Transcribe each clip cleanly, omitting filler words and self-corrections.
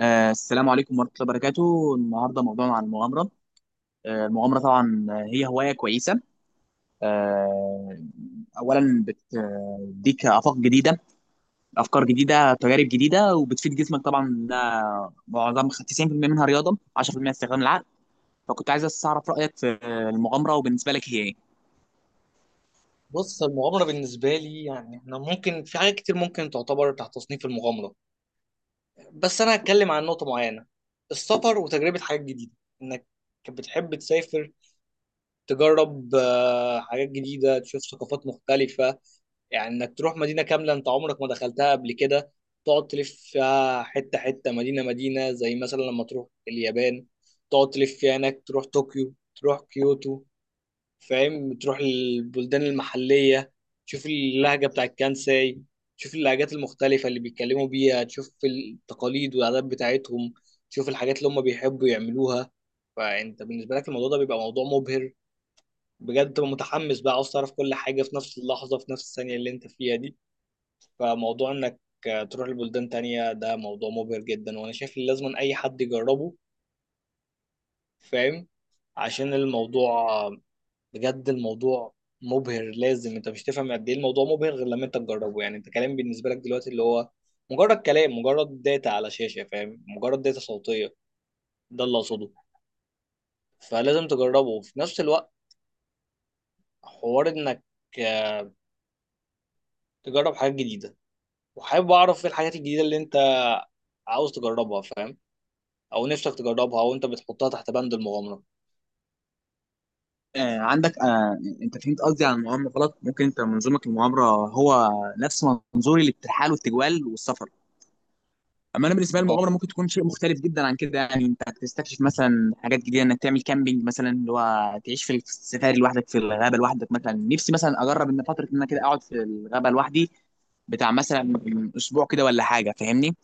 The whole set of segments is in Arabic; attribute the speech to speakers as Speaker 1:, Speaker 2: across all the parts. Speaker 1: السلام عليكم ورحمة الله وبركاته، النهاردة موضوعنا عن المغامرة. المغامرة طبعا هي هواية كويسة. آه أولا بتديك آفاق جديدة، أفكار جديدة، تجارب جديدة، وبتفيد جسمك طبعا. ده معظم 90% منها رياضة، 10% استخدام العقل. فكنت عايز بس أعرف رأيك في المغامرة، وبالنسبة لك هي إيه؟
Speaker 2: بص، المغامرة بالنسبة لي يعني احنا ممكن في حاجات كتير ممكن تعتبر تحت تصنيف المغامرة. بس انا هتكلم عن نقطة معينة، السفر وتجربة حاجات جديدة، انك بتحب تسافر، تجرب حاجات جديدة، تشوف ثقافات مختلفة. يعني انك تروح مدينة كاملة انت عمرك ما دخلتها قبل كده، تقعد تلف فيها حتة حتة، مدينة مدينة، زي مثلا لما تروح اليابان تقعد تلف فيها هناك، تروح طوكيو، تروح كيوتو. فاهم؟ تروح البلدان المحلية، تشوف اللهجة بتاع الكانساي، تشوف اللهجات المختلفة اللي بيتكلموا بيها، تشوف التقاليد والعادات بتاعتهم، تشوف الحاجات اللي هم بيحبوا يعملوها. فأنت بالنسبة لك الموضوع ده بيبقى موضوع مبهر بجد، تبقى متحمس بقى، عاوز تعرف كل حاجة في نفس اللحظة، في نفس الثانية اللي أنت فيها دي. فموضوع إنك تروح لبلدان تانية ده موضوع مبهر جدا، وأنا شايف إن لازم أي حد يجربه، فاهم؟ عشان الموضوع بجد، الموضوع مبهر، لازم انت مش تفهم قد ايه الموضوع مبهر غير لما انت تجربه. يعني انت كلام بالنسبه لك دلوقتي اللي هو مجرد كلام، مجرد داتا على شاشه، فاهم؟ مجرد داتا صوتيه، ده اللي اقصده. فلازم تجربه. وفي نفس الوقت حوار انك تجرب حاجات جديده، وحابب اعرف ايه الحاجات الجديده اللي انت عاوز تجربها، فاهم؟ او نفسك تجربها، او انت بتحطها تحت بند المغامره.
Speaker 1: عندك، أنت فهمت قصدي عن المغامرة غلط. ممكن أنت منظورك للمغامرة هو نفس منظوري للترحال والتجوال والسفر. اما انا بالنسبه لي المغامره ممكن تكون شيء مختلف جدا عن كده. يعني انت هتستكشف مثلا حاجات جديده، انك تعمل كامبينج مثلا، اللي هو تعيش في السفاري لوحدك، في الغابه لوحدك. مثلا نفسي مثلا اجرب ان فتره ان انا كده اقعد في الغابه لوحدي، بتاع مثلا اسبوع كده ولا حاجه، فاهمني؟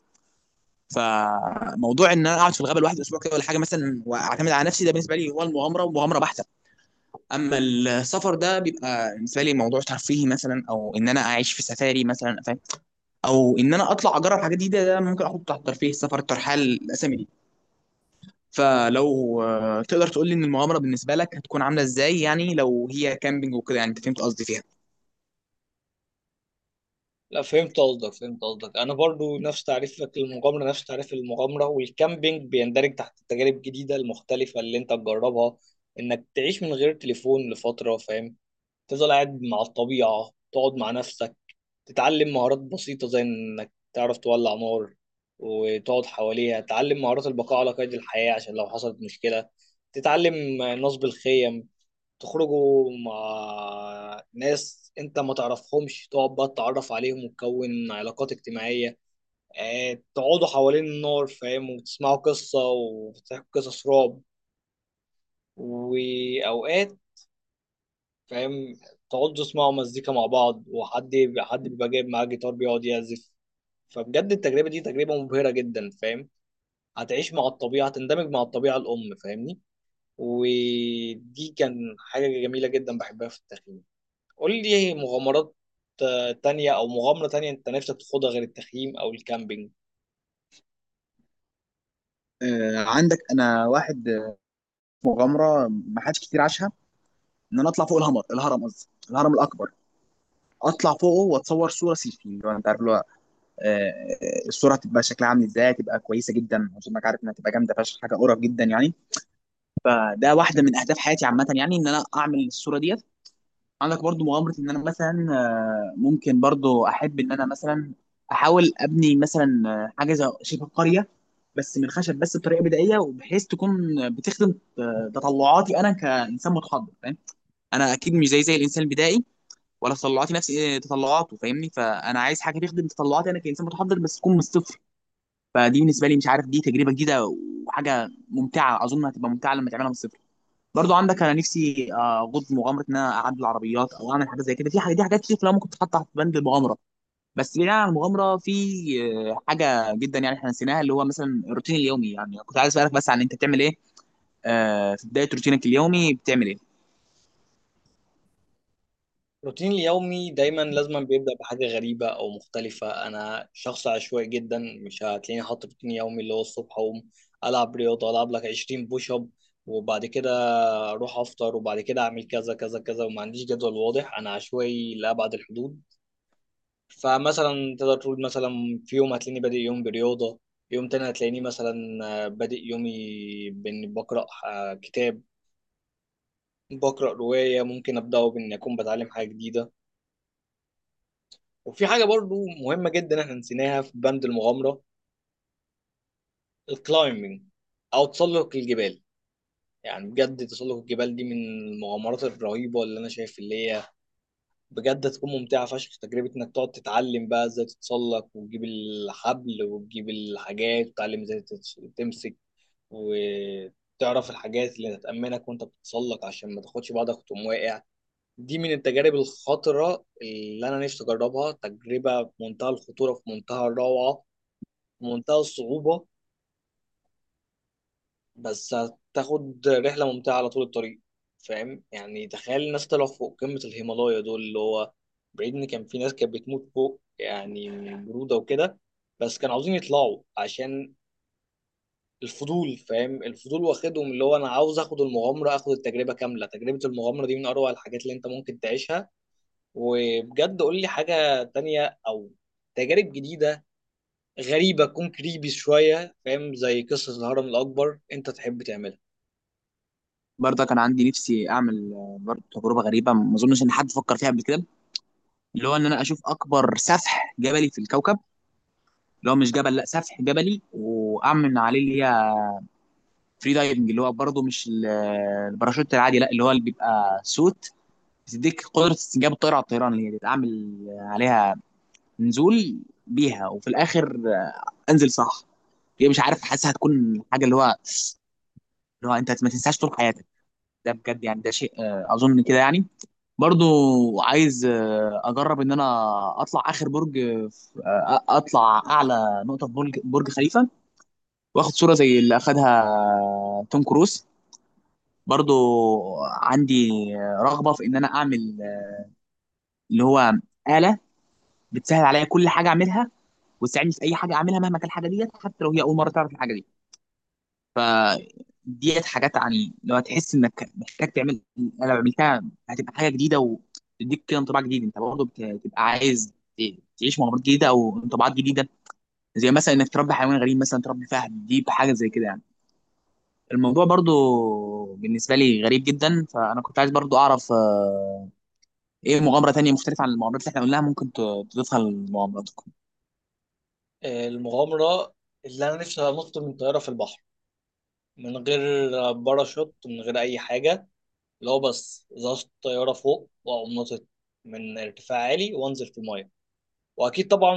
Speaker 1: فموضوع ان انا اقعد في الغابه لوحدي اسبوع كده ولا حاجه مثلا واعتمد على نفسي، ده بالنسبه لي هو المغامره، ومغامره بحته. اما السفر ده بيبقى بالنسبه لي موضوع ترفيهي مثلا، او ان انا اعيش في سفاري مثلا، او ان انا اطلع اجرب حاجات جديده، ده ممكن احطه تحت ترفيه، السفر، الترحال، الاسامي دي. فلو تقدر تقول لي ان المغامره بالنسبه لك هتكون عامله ازاي؟ يعني لو هي كامبينج وكده، يعني انت فهمت قصدي فيها.
Speaker 2: لا، فهمت قصدك، فهمت قصدك. انا برضو نفس تعريفك للمغامره، نفس تعريف المغامره، والكامبينج بيندرج تحت التجارب الجديده المختلفه اللي انت تجربها، انك تعيش من غير تليفون لفتره، فاهم؟ تفضل قاعد مع الطبيعه، تقعد مع نفسك، تتعلم مهارات بسيطه زي انك تعرف تولع نار وتقعد حواليها، تتعلم مهارات البقاء على قيد الحياه عشان لو حصلت مشكله، تتعلم نصب الخيم، تخرجوا مع ناس انت ما تعرفهمش، تقعد بقى تتعرف عليهم وتكون علاقات اجتماعية. اه، تقعدوا حوالين النار، فاهم، وتسمعوا قصة وتحكوا قصص رعب، وأوقات، فاهم، تقعدوا تسمعوا مزيكا مع بعض. وحد بيبقى جايب معاه جيتار بيقعد يعزف. فبجد التجربة دي تجربة مبهرة جدا، فاهم؟ هتعيش مع الطبيعة، هتندمج مع الطبيعة الأم، فاهمني؟ ودي كان حاجة جميلة جدا بحبها في التخييم. قول لي مغامرات تانية، أو مغامرة تانية أنت نفسك تخوضها غير التخييم أو الكامبينج.
Speaker 1: عندك انا واحد، مغامره ما حدش كتير عاشها: ان انا اطلع فوق الهرم، قصدي الهرم الاكبر، اطلع فوقه واتصور صوره سيلفي. اللي هو انت عارف اللي هو الصوره هتبقى شكلها عامل ازاي، هتبقى كويسه جدا، عشان انك عارف انها هتبقى جامده فشخ، حاجه قرف جدا يعني. فده واحده من اهداف حياتي عامه، يعني ان انا اعمل الصوره ديت. عندك برضو مغامرة ان انا مثلا ممكن برضو احب ان انا مثلا احاول ابني مثلا حاجة زي شبه قرية، بس من الخشب، بس بطريقة بدائية، وبحيث تكون بتخدم تطلعاتي انا كانسان متحضر، فاهم؟ انا اكيد مش زي الانسان البدائي، ولا تطلعاتي نفس تطلعاته، فاهمني؟ فانا عايز حاجة تخدم تطلعاتي انا كانسان متحضر، بس تكون من الصفر. فدي بالنسبة لي مش عارف، دي تجربة جديدة وحاجة ممتعة، اظن هتبقى ممتعة لما تعملها من الصفر. برضو عندك انا نفسي اغوص في مغامره ان انا اعدل العربيات، او اعمل حاجات زي كده. في حاجات دي، حاجات كتير كلها ممكن تتحط تحت بند المغامره. بس بعيدا عن المغامره، في حاجه جدا يعني احنا نسيناها، اللي هو مثلا الروتين اليومي. يعني كنت عايز اسالك بس عن، انت بتعمل ايه في بدايه روتينك اليومي، بتعمل ايه؟
Speaker 2: روتيني اليومي دايما لازم بيبدأ بحاجة غريبة أو مختلفة. أنا شخص عشوائي جدا، مش هتلاقيني حاطط روتين يومي اللي هو الصبح أقوم ألعب رياضة، ألعب لك 20 بوش أب، وبعد كده أروح أفطر، وبعد كده أعمل كذا كذا كذا. وما عنديش جدول واضح، أنا عشوائي لأبعد الحدود. فمثلا تقدر تقول مثلا، في يوم هتلاقيني بادئ يوم برياضة، يوم تاني هتلاقيني مثلا بادئ يومي بإني بقرأ كتاب، بقرأ رواية. ممكن أبدأه بإني أكون بتعلم حاجة جديدة. وفي حاجة برضو مهمة جدا إحنا نسيناها في بند المغامرة، الكلايمبينج أو تسلق الجبال. يعني بجد تسلق الجبال دي من المغامرات الرهيبة اللي أنا شايف اللي هي بجد هتكون ممتعة فشخ. تجربة إنك تقعد تتعلم بقى إزاي تتسلق وتجيب الحبل وتجيب الحاجات، وتتعلم إزاي تمسك وتعرف الحاجات اللي هتأمنك وانت بتتسلق عشان ما تاخدش بعضك وتقوم واقع. دي من التجارب الخطرة اللي أنا نفسي أجربها، تجربة في منتهى الخطورة، في منتهى الروعة، في منتهى الصعوبة، بس هتاخد رحلة ممتعة على طول الطريق، فاهم؟ يعني تخيل الناس طلعوا فوق قمة الهيمالايا دول اللي هو بعيد، إن كان في ناس كانت بتموت فوق يعني من البرودة وكده، بس كانوا عاوزين يطلعوا عشان الفضول، فاهم؟ الفضول واخدهم، اللي هو انا عاوز اخد المغامره، اخد التجربه كامله. تجربه المغامره دي من اروع الحاجات اللي انت ممكن تعيشها. وبجد قول لي حاجه تانية او تجارب جديده غريبه، تكون كريبي شويه، فاهم؟ زي قصه الهرم الاكبر انت تحب تعملها.
Speaker 1: برضه كان عندي نفسي اعمل برضه تجربه غريبه ما اظنش ان حد فكر فيها قبل كده، اللي هو ان انا اشوف اكبر سفح جبلي في الكوكب، اللي هو مش جبل، لا، سفح جبلي، واعمل عليه اللي هي فري دايفنج، اللي هو برضه مش الباراشوت العادي، لا، اللي هو اللي بيبقى سوت، بتديك قدره استنجاب الطائره على الطيران، اللي هي تعمل عليها نزول بيها، وفي الاخر انزل، صح؟ هي، مش عارف، حاسسها هتكون حاجه اللي هو، اللي هو انت ما تنساش طول حياتك. ده بجد يعني، ده شيء اظن كده يعني. برضو عايز اجرب ان انا اطلع اخر برج، اطلع اعلى نقطه في برج خليفه، واخد صوره زي اللي اخدها توم كروز. برضو عندي رغبه في ان انا اعمل اللي هو اله بتسهل عليا كل حاجه اعملها، وتساعدني في اي حاجه اعملها مهما كانت الحاجه ديت، حتى لو هي اول مره تعرف الحاجه دي. ف ديت حاجات يعني، لو هتحس انك محتاج تعمل، انا لو عملتها هتبقى حاجه جديده وتديك كده انطباع جديد. انت برضه بتبقى عايز تعيش مغامرات جديده او انطباعات جديده. زي مثلا انك تربي حيوان غريب، مثلا تربي فهد، دي حاجه زي كده يعني. الموضوع برضه بالنسبه لي غريب جدا. فانا كنت عايز برضه اعرف ايه مغامره تانية مختلفه عن المغامرات اللي احنا قلناها ممكن تضيفها لمغامراتكم؟
Speaker 2: المغامره اللي انا نفسي انط من طياره في البحر، من غير باراشوت، من غير اي حاجه. اللي هو بس ظبط طياره فوق واقوم ناطط من ارتفاع عالي وانزل في الميه. واكيد طبعا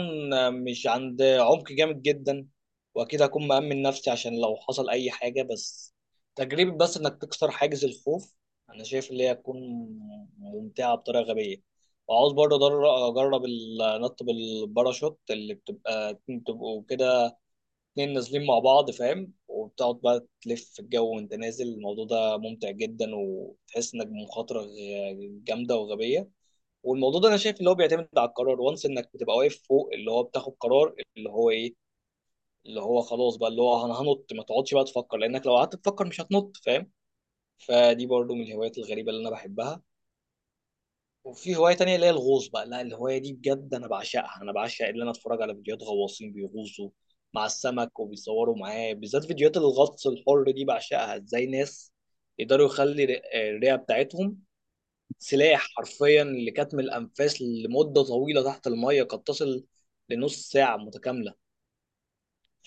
Speaker 2: مش عند عمق جامد جدا، واكيد هكون مأمن نفسي عشان لو حصل اي حاجة، بس تجربة بس انك تكسر حاجز الخوف، انا شايف اللي هي هتكون ممتعة بطريقة غبية. وعاوز برضه اجرب النط بالباراشوت اللي بتبقى بتبقوا كده اتنين نازلين مع بعض، فاهم؟ وبتقعد بقى تلف في الجو وانت نازل. الموضوع ده ممتع جدا، وتحس انك بمخاطرة جامدة وغبية. والموضوع ده انا شايف اللي هو بيعتمد على القرار، وانس انك بتبقى واقف فوق اللي هو بتاخد قرار اللي هو ايه، اللي هو خلاص بقى اللي هو انا هنط، ما تقعدش بقى تفكر، لانك لو قعدت تفكر مش هتنط، فاهم؟ فدي برضو من الهوايات الغريبة اللي انا بحبها. وفي هواية تانية اللي هي الغوص بقى، لا الهواية دي بجد انا بعشقها. انا بعشق اللي انا اتفرج على فيديوهات غواصين بيغوصوا مع السمك وبيصوروا معاه، بالذات فيديوهات الغطس الحر دي، بعشقها. ازاي ناس يقدروا يخلي الرئة بتاعتهم سلاح حرفيا لكتم الانفاس لمده طويله تحت الميه قد تصل لنص ساعه متكامله؟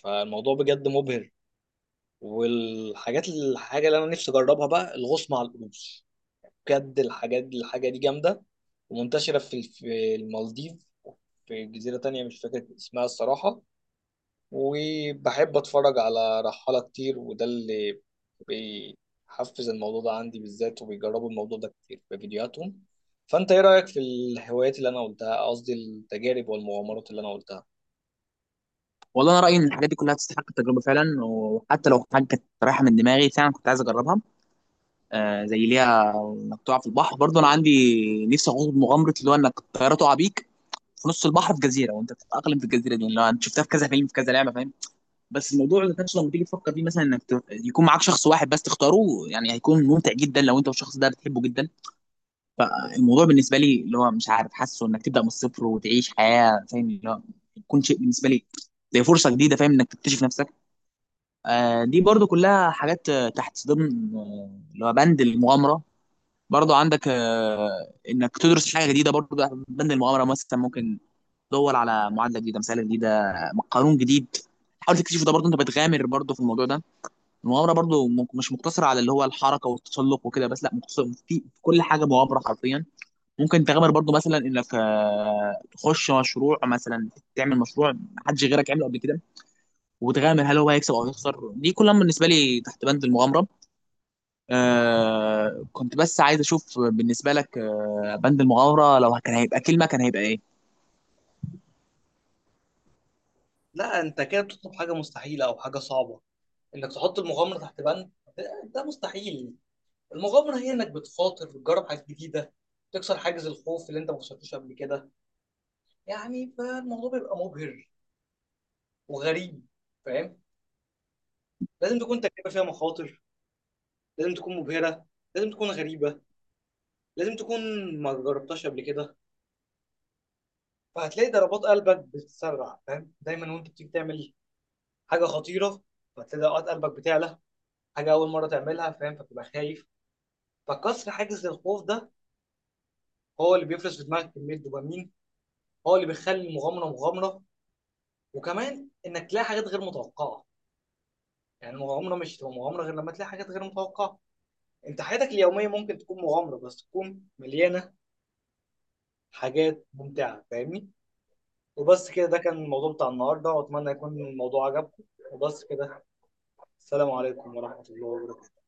Speaker 2: فالموضوع بجد مبهر. والحاجات الحاجه اللي انا نفسي اجربها بقى الغوص مع القروش. بجد الحاجه دي جامده، ومنتشره في المالديف، في جزيره تانية مش فاكر اسمها الصراحه. وبحب اتفرج على رحالة كتير، وده اللي بيحفز الموضوع ده عندي بالذات، وبيجربوا الموضوع ده كتير في فيديوهاتهم. فانت ايه رأيك في الهوايات اللي انا قلتها، قصدي التجارب والمغامرات اللي انا قلتها؟
Speaker 1: والله انا رايي ان الحاجات دي كلها تستحق التجربه فعلا، وحتى لو حاجه كانت رايحه من دماغي فعلا كنت عايز اجربها. زي ليها انك تقع في البحر. برضه انا عندي نفسي اخوض مغامره اللي هو انك الطياره تقع بيك في نص البحر في جزيره، وانت بتتاقلم في الجزيره دي، اللي هو انت شفتها في كذا فيلم، في كذا لعبه، فاهم؟ بس الموضوع اللي كانش لما تيجي تفكر فيه مثلا، انك يكون معاك شخص واحد بس تختاره. يعني هيكون ممتع جدا لو انت والشخص ده بتحبه جدا. فالموضوع بالنسبه لي اللي هو مش عارف، حاسه انك تبدا من الصفر وتعيش حياه، فاهم؟ اللي هو يكون شيء بالنسبه لي زي فرصه جديده، فاهم؟ انك تكتشف نفسك. دي برضو كلها حاجات تحت ضمن اللي هو بند المغامره. برضو عندك انك تدرس حاجه جديده برضو تحت بند المغامره. مثلا ممكن تدور على معادله جديده، مساله جديده، قانون جديد، حاول تكتشفه، ده برضو انت بتغامر برضو في الموضوع ده. المغامره برضو مش مقتصره على اللي هو الحركه والتسلق وكده بس، لا، مقتصره في كل حاجه، مغامره حرفيا. ممكن تغامر برضو مثلا انك تخش مشروع مثلا، تعمل مشروع محدش غيرك عمله قبل كده، وتغامر هل هو هيكسب او هيخسر، دي كلها بالنسبه لي تحت بند المغامره. كنت بس عايز اشوف بالنسبه لك بند المغامره لو كان هيبقى كلمه، كان هيبقى ايه؟
Speaker 2: لا، انت كده بتطلب حاجه مستحيله او حاجه صعبه، انك تحط المغامره تحت بند، ده مستحيل. المغامره هي انك بتخاطر، بتجرب حاجات جديده، تكسر حاجز الخوف اللي انت ما كسرتوش قبل كده يعني، فالموضوع بيبقى مبهر وغريب، فاهم؟ لازم تكون تجربه فيها مخاطر، لازم تكون مبهرة، لازم تكون غريبة، لازم تكون ما جربتهاش قبل كده. فهتلاقي ضربات قلبك بتتسرع، فاهم؟ دايما وانت بتيجي تعمل حاجة خطيرة فهتلاقي ضربات قلبك بتعلى، حاجة أول مرة تعملها، فاهم؟ فبتبقى خايف. فكسر حاجز الخوف ده هو اللي بيفرز في دماغك كمية دوبامين، هو اللي بيخلي المغامرة مغامرة. وكمان إنك تلاقي حاجات غير متوقعة، يعني المغامرة مش هتبقى مغامرة غير لما تلاقي حاجات غير متوقعة. انت حياتك اليومية ممكن تكون مغامرة بس تكون مليانة حاجات ممتعة، فاهمني؟ وبس كده، ده كان الموضوع بتاع النهارده، واتمنى يكون الموضوع عجبكم. وبس كده، السلام عليكم ورحمة الله وبركاته.